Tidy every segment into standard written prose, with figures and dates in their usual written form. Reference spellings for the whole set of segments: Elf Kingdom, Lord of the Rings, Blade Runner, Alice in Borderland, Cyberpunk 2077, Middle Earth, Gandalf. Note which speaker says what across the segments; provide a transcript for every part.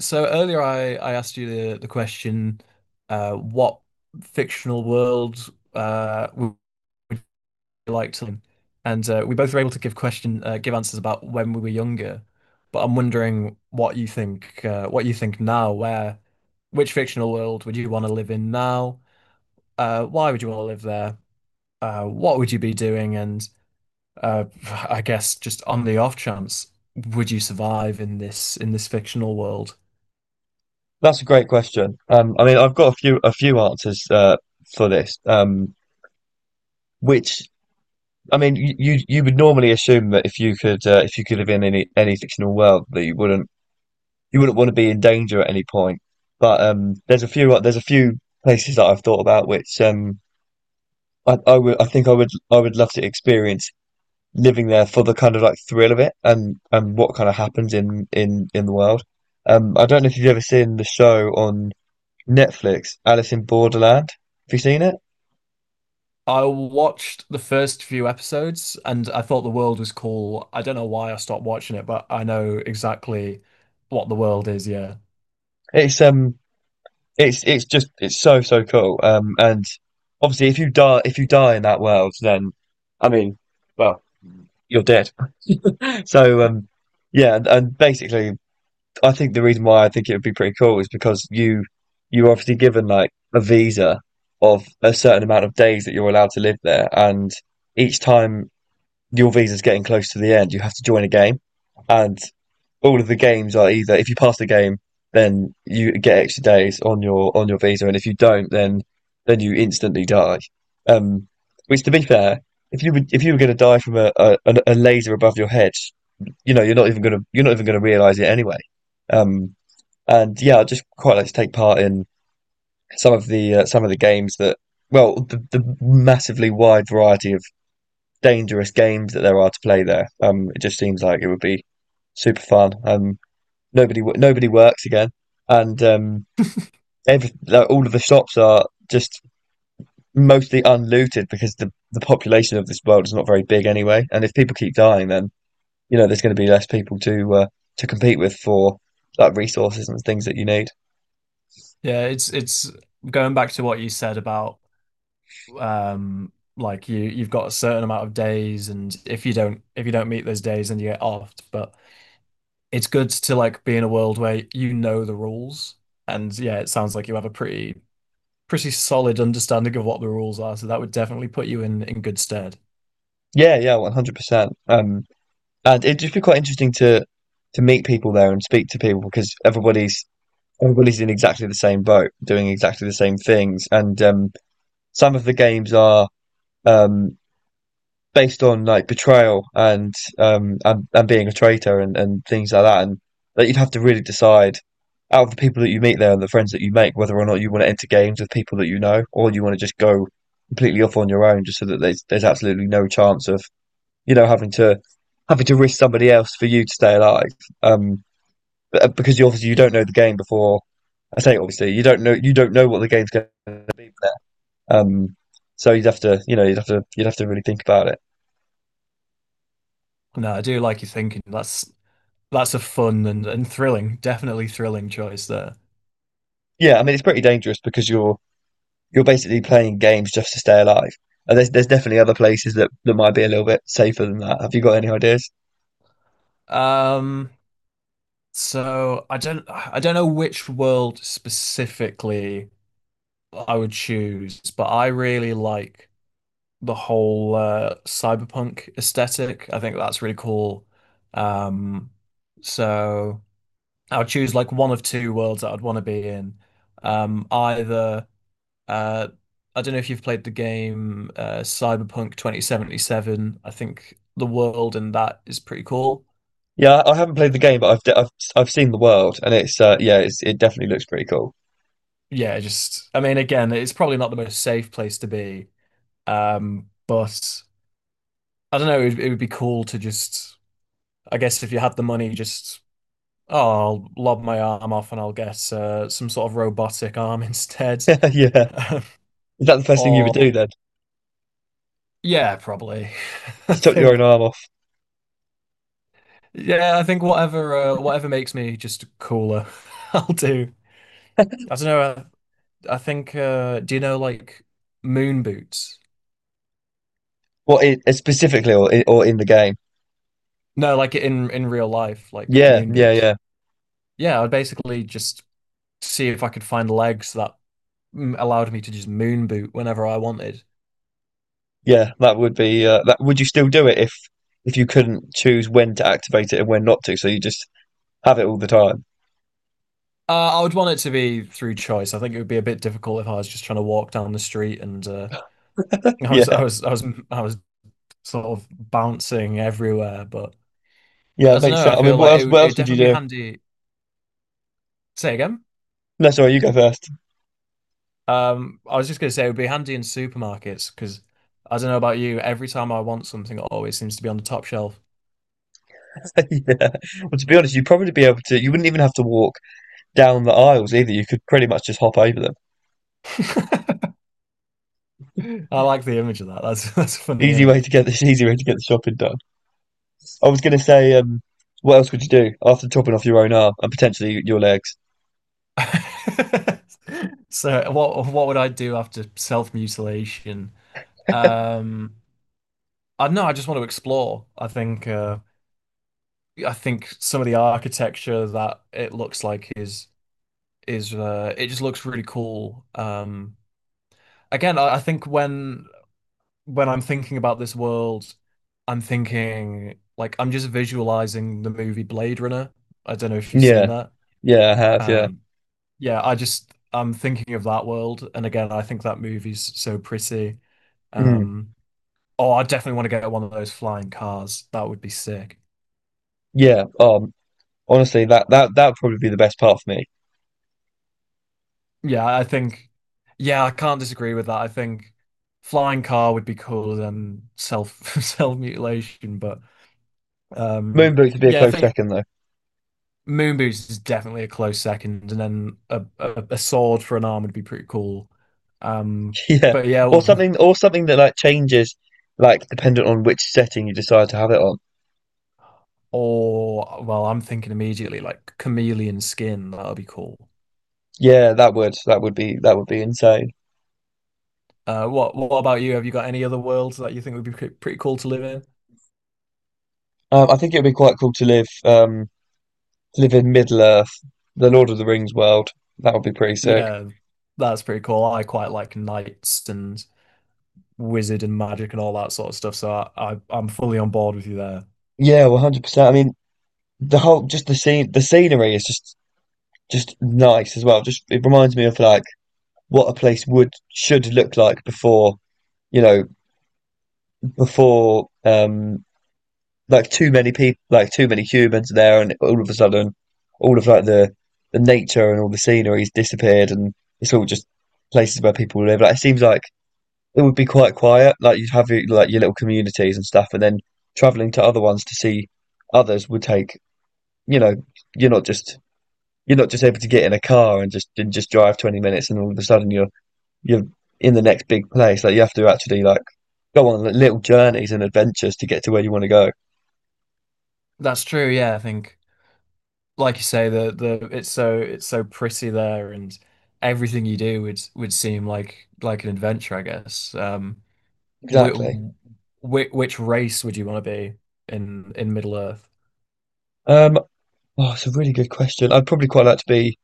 Speaker 1: So earlier I asked you the question, what fictional world would you like to live in? And we both were able to give question give answers about when we were younger. But I'm wondering what you think now, where which fictional world would you want to live in now? Why would you want to live there? What would you be doing? And uh, I guess just on the off chance, would you survive in this fictional world?
Speaker 2: That's a great question. I mean, I've got a few answers for this. Which I mean, you would normally assume that if you could live in any fictional world that you wouldn't want to be in danger at any point. But there's a few places that I've thought about which I think I would love to experience living there for the kind of like thrill of it and what kind of happens in in the world. I don't know if you've ever seen the show on Netflix, Alice in Borderland. Have you seen it?
Speaker 1: I watched the first few episodes and I thought the world was cool. I don't know why I stopped watching it, but I know exactly what the world is, yeah.
Speaker 2: It's um, it's just it's so cool. And obviously, if you die in that world, then I mean, well, you're dead. So yeah, and basically, I think the reason why I think it would be pretty cool is because you're obviously given like a visa of a certain amount of days that you're allowed to live there, and each time your visa's getting close to the end, you have to join a game, and all of the games are either if you pass the game, then you get extra days on your visa, and if you don't, then you instantly die. Um, which, to be fair, if you were, going to die from a laser above your head, you know you're not even going to realize it anyway. Um, and yeah, I just quite like to take part in some of the games that well the massively wide variety of dangerous games that there are to play there. It just seems like it would be super fun. Nobody works again, and every, like, all of the shops are just mostly unlooted because the population of this world is not very big anyway. And if people keep dying, then you know there's going to be less people to compete with for like resources and things that you need.
Speaker 1: Yeah, it's going back to what you said about um like you've got a certain amount of days, and if you don't meet those days, then you get offed. But it's good to like be in a world where you know the rules, and yeah, it sounds like you have a pretty solid understanding of what the rules are, so that would definitely put you in good stead.
Speaker 2: Yeah, yeah, 100%. And it'd just be quite interesting to meet people there and speak to people because everybody's in exactly the same boat, doing exactly the same things. And some of the games are um, based on like betrayal and and being a traitor and things like that. And that you'd have to really decide out of the people that you meet there and the friends that you make whether or not you want to enter games with people that you know or you want to just go completely off on your own just so that there's absolutely no chance of you know having to risk somebody else for you to stay alive. Um, but because you obviously you don't know the game before. I say obviously you don't know what the game's going to be. Um, so you'd have to you know you'd have to really think about it.
Speaker 1: No, I do like your thinking. That's a fun and thrilling, definitely thrilling choice there.
Speaker 2: Yeah, I mean it's pretty dangerous because you're basically playing games just to stay alive. And there's definitely other places that might be a little bit safer than that. Have you got any ideas?
Speaker 1: Um, so I don't know which world specifically I would choose, but I really like the whole cyberpunk aesthetic. I think that's really cool. Um, so I'll choose like one of two worlds that I'd want to be in. Either Uh, I don't know if you've played the game Cyberpunk 2077. I think the world in that is pretty cool.
Speaker 2: Yeah, I haven't played the game, but I've seen the world, and it's yeah, it's, it definitely looks pretty cool.
Speaker 1: Yeah, just I mean, again, it's probably not the most safe place to be, but I don't know. It would be cool to just, I guess, if you had the money, just oh, I'll lob my arm off and I'll get some sort of robotic arm instead,
Speaker 2: Yeah, is that the first thing you would
Speaker 1: or
Speaker 2: do then?
Speaker 1: yeah, probably. I
Speaker 2: Just chop your own
Speaker 1: think
Speaker 2: arm off?
Speaker 1: yeah, I think whatever makes me just cooler, I'll do. I don't know. I think do you know like moon boots?
Speaker 2: What it, specifically, or in the game?
Speaker 1: No, like in real life, like
Speaker 2: Yeah,
Speaker 1: moon
Speaker 2: yeah,
Speaker 1: boots.
Speaker 2: yeah.
Speaker 1: Yeah, I'd basically just see if I could find legs that allowed me to just moon boot whenever I wanted.
Speaker 2: Yeah, that would be that. Would you still do it if you couldn't choose when to activate it and when not to? So you just have it all the time.
Speaker 1: I would want it to be through choice. I think it would be a bit difficult if I was just trying to walk down the street and I was I
Speaker 2: Yeah,
Speaker 1: was I was I was sort of bouncing everywhere. But
Speaker 2: yeah,
Speaker 1: I
Speaker 2: it
Speaker 1: don't
Speaker 2: makes
Speaker 1: know. I
Speaker 2: sense. I mean,
Speaker 1: feel
Speaker 2: what
Speaker 1: like it
Speaker 2: else?
Speaker 1: would
Speaker 2: What
Speaker 1: it would
Speaker 2: else would you
Speaker 1: definitely be
Speaker 2: do?
Speaker 1: handy. Say again.
Speaker 2: No, sorry, you go first.
Speaker 1: I was just gonna say it would be handy in supermarkets because I don't know about you, every time I want something, it always seems to be on the top shelf.
Speaker 2: Yeah. Well, to be honest, you'd probably be able to. You wouldn't even have to walk down the aisles either. You could pretty much just hop over them.
Speaker 1: I like the image of that. That's that's a funny
Speaker 2: Easy way to
Speaker 1: image.
Speaker 2: get this. Easy way to get the shopping done. I was gonna say, what else would you do after chopping off your own arm and potentially your legs?
Speaker 1: So what would I do after self-mutilation? Um, I don't know. I just want to explore. I think some of the architecture that it looks like is it just looks really cool. Again, I think when I'm thinking about this world, I'm thinking like I'm just visualizing the movie Blade Runner. I don't know if you've seen
Speaker 2: Yeah,
Speaker 1: that.
Speaker 2: yeah, I have. Yeah,
Speaker 1: Um, yeah, I just I'm thinking of that world, and again, I think that movie's so pretty.
Speaker 2: mm,
Speaker 1: Um, oh, I definitely want to get one of those flying cars. That would be sick.
Speaker 2: yeah. Honestly, that would probably be the best part for me.
Speaker 1: Yeah, I think. Yeah, I can't disagree with that. I think flying car would be cooler than self self mutilation, but um,
Speaker 2: Moonboot could be a
Speaker 1: yeah, I
Speaker 2: close
Speaker 1: think
Speaker 2: second though.
Speaker 1: moon boots is definitely a close second, and then a sword for an arm would be pretty cool. Um,
Speaker 2: Yeah.
Speaker 1: but yeah,
Speaker 2: Or something that like changes like dependent on which setting you decide to have it on.
Speaker 1: or well, I'm thinking immediately like chameleon skin. That will be cool.
Speaker 2: Yeah, that would be insane.
Speaker 1: What about you? Have you got any other worlds that you think would be pretty cool to live in?
Speaker 2: I think it would be quite cool to live in Middle Earth, the Lord of the Rings world. That would be pretty sick.
Speaker 1: Yeah, that's pretty cool. I quite like knights and wizard and magic and all that sort of stuff. So I I'm fully on board with you there.
Speaker 2: Yeah, 100%. I mean, the whole just the scenery is just nice as well. Just it reminds me of like what a place would should look like before you know before like too many people, like too many humans there, and all of a sudden, all of like the nature and all the scenery's disappeared, and it's all just places where people live. Like it seems like it would be quite quiet. Like you'd have your, like your little communities and stuff, and then traveling to other ones to see others would take. You know, you're not just you're not just able to get in a car and just drive 20 minutes, and all of a sudden you're in the next big place. Like you have to actually like go on little journeys and adventures to get to where you want to go.
Speaker 1: That's true. Yeah, I think, like you say, the it's so pretty there, and everything you do would seem like an adventure, I guess. Which
Speaker 2: Exactly.
Speaker 1: which race would you want to be in Middle Earth?
Speaker 2: Um, Oh, it's a really good question. I'd probably quite like to be.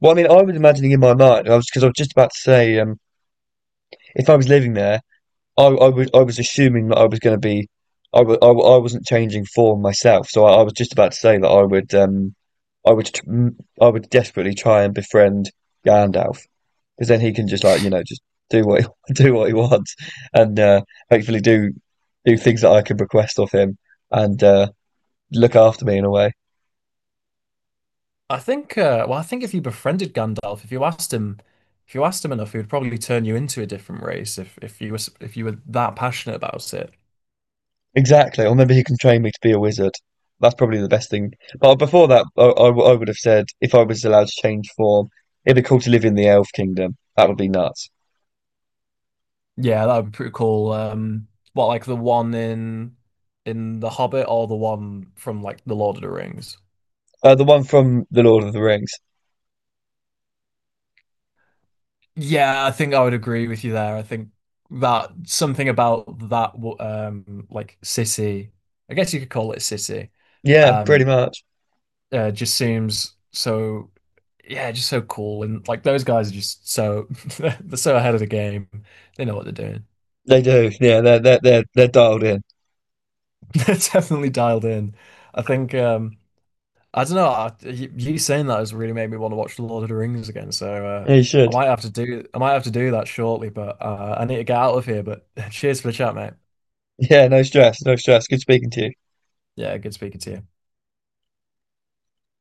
Speaker 2: Well, I mean, I was imagining in my mind. I was because I was just about to say, if I was living there, I was assuming that I was going to be, I wasn't changing form myself. So I was just about to say that I would I would desperately try and befriend Gandalf because then he can just like you know just do what he, do what he wants and hopefully do things that I can request of him and look after me in a way.
Speaker 1: I think. Well, I think if you befriended Gandalf, if you asked him enough, he would probably turn you into a different race if if you were that passionate about it.
Speaker 2: Exactly. Or maybe he can train me to be a wizard. That's probably the best thing. But before that, I would have said if I was allowed to change form, it'd be cool to live in the Elf Kingdom. That would be nuts.
Speaker 1: Yeah, that would be pretty cool. What like the one in The Hobbit or the one from like The Lord of the Rings?
Speaker 2: The one from The Lord of the Rings.
Speaker 1: Yeah, I think I would agree with you there. I think that something about that like city, I guess you could call it a city,
Speaker 2: Yeah, pretty
Speaker 1: um
Speaker 2: much.
Speaker 1: just seems so yeah, just so cool, and like those guys are just so they're so ahead of the game. They know what they're doing.
Speaker 2: They do. Yeah, they're dialed in.
Speaker 1: They're definitely dialed in. I think I don't know. You saying that has really made me want to watch The Lord of the Rings again. So
Speaker 2: Yeah, you
Speaker 1: I
Speaker 2: should.
Speaker 1: might have to do I might have to do that shortly. But I need to get out of here. But cheers for the chat, mate.
Speaker 2: Yeah, no stress, no stress. Good speaking to you.
Speaker 1: Yeah, good speaking to you.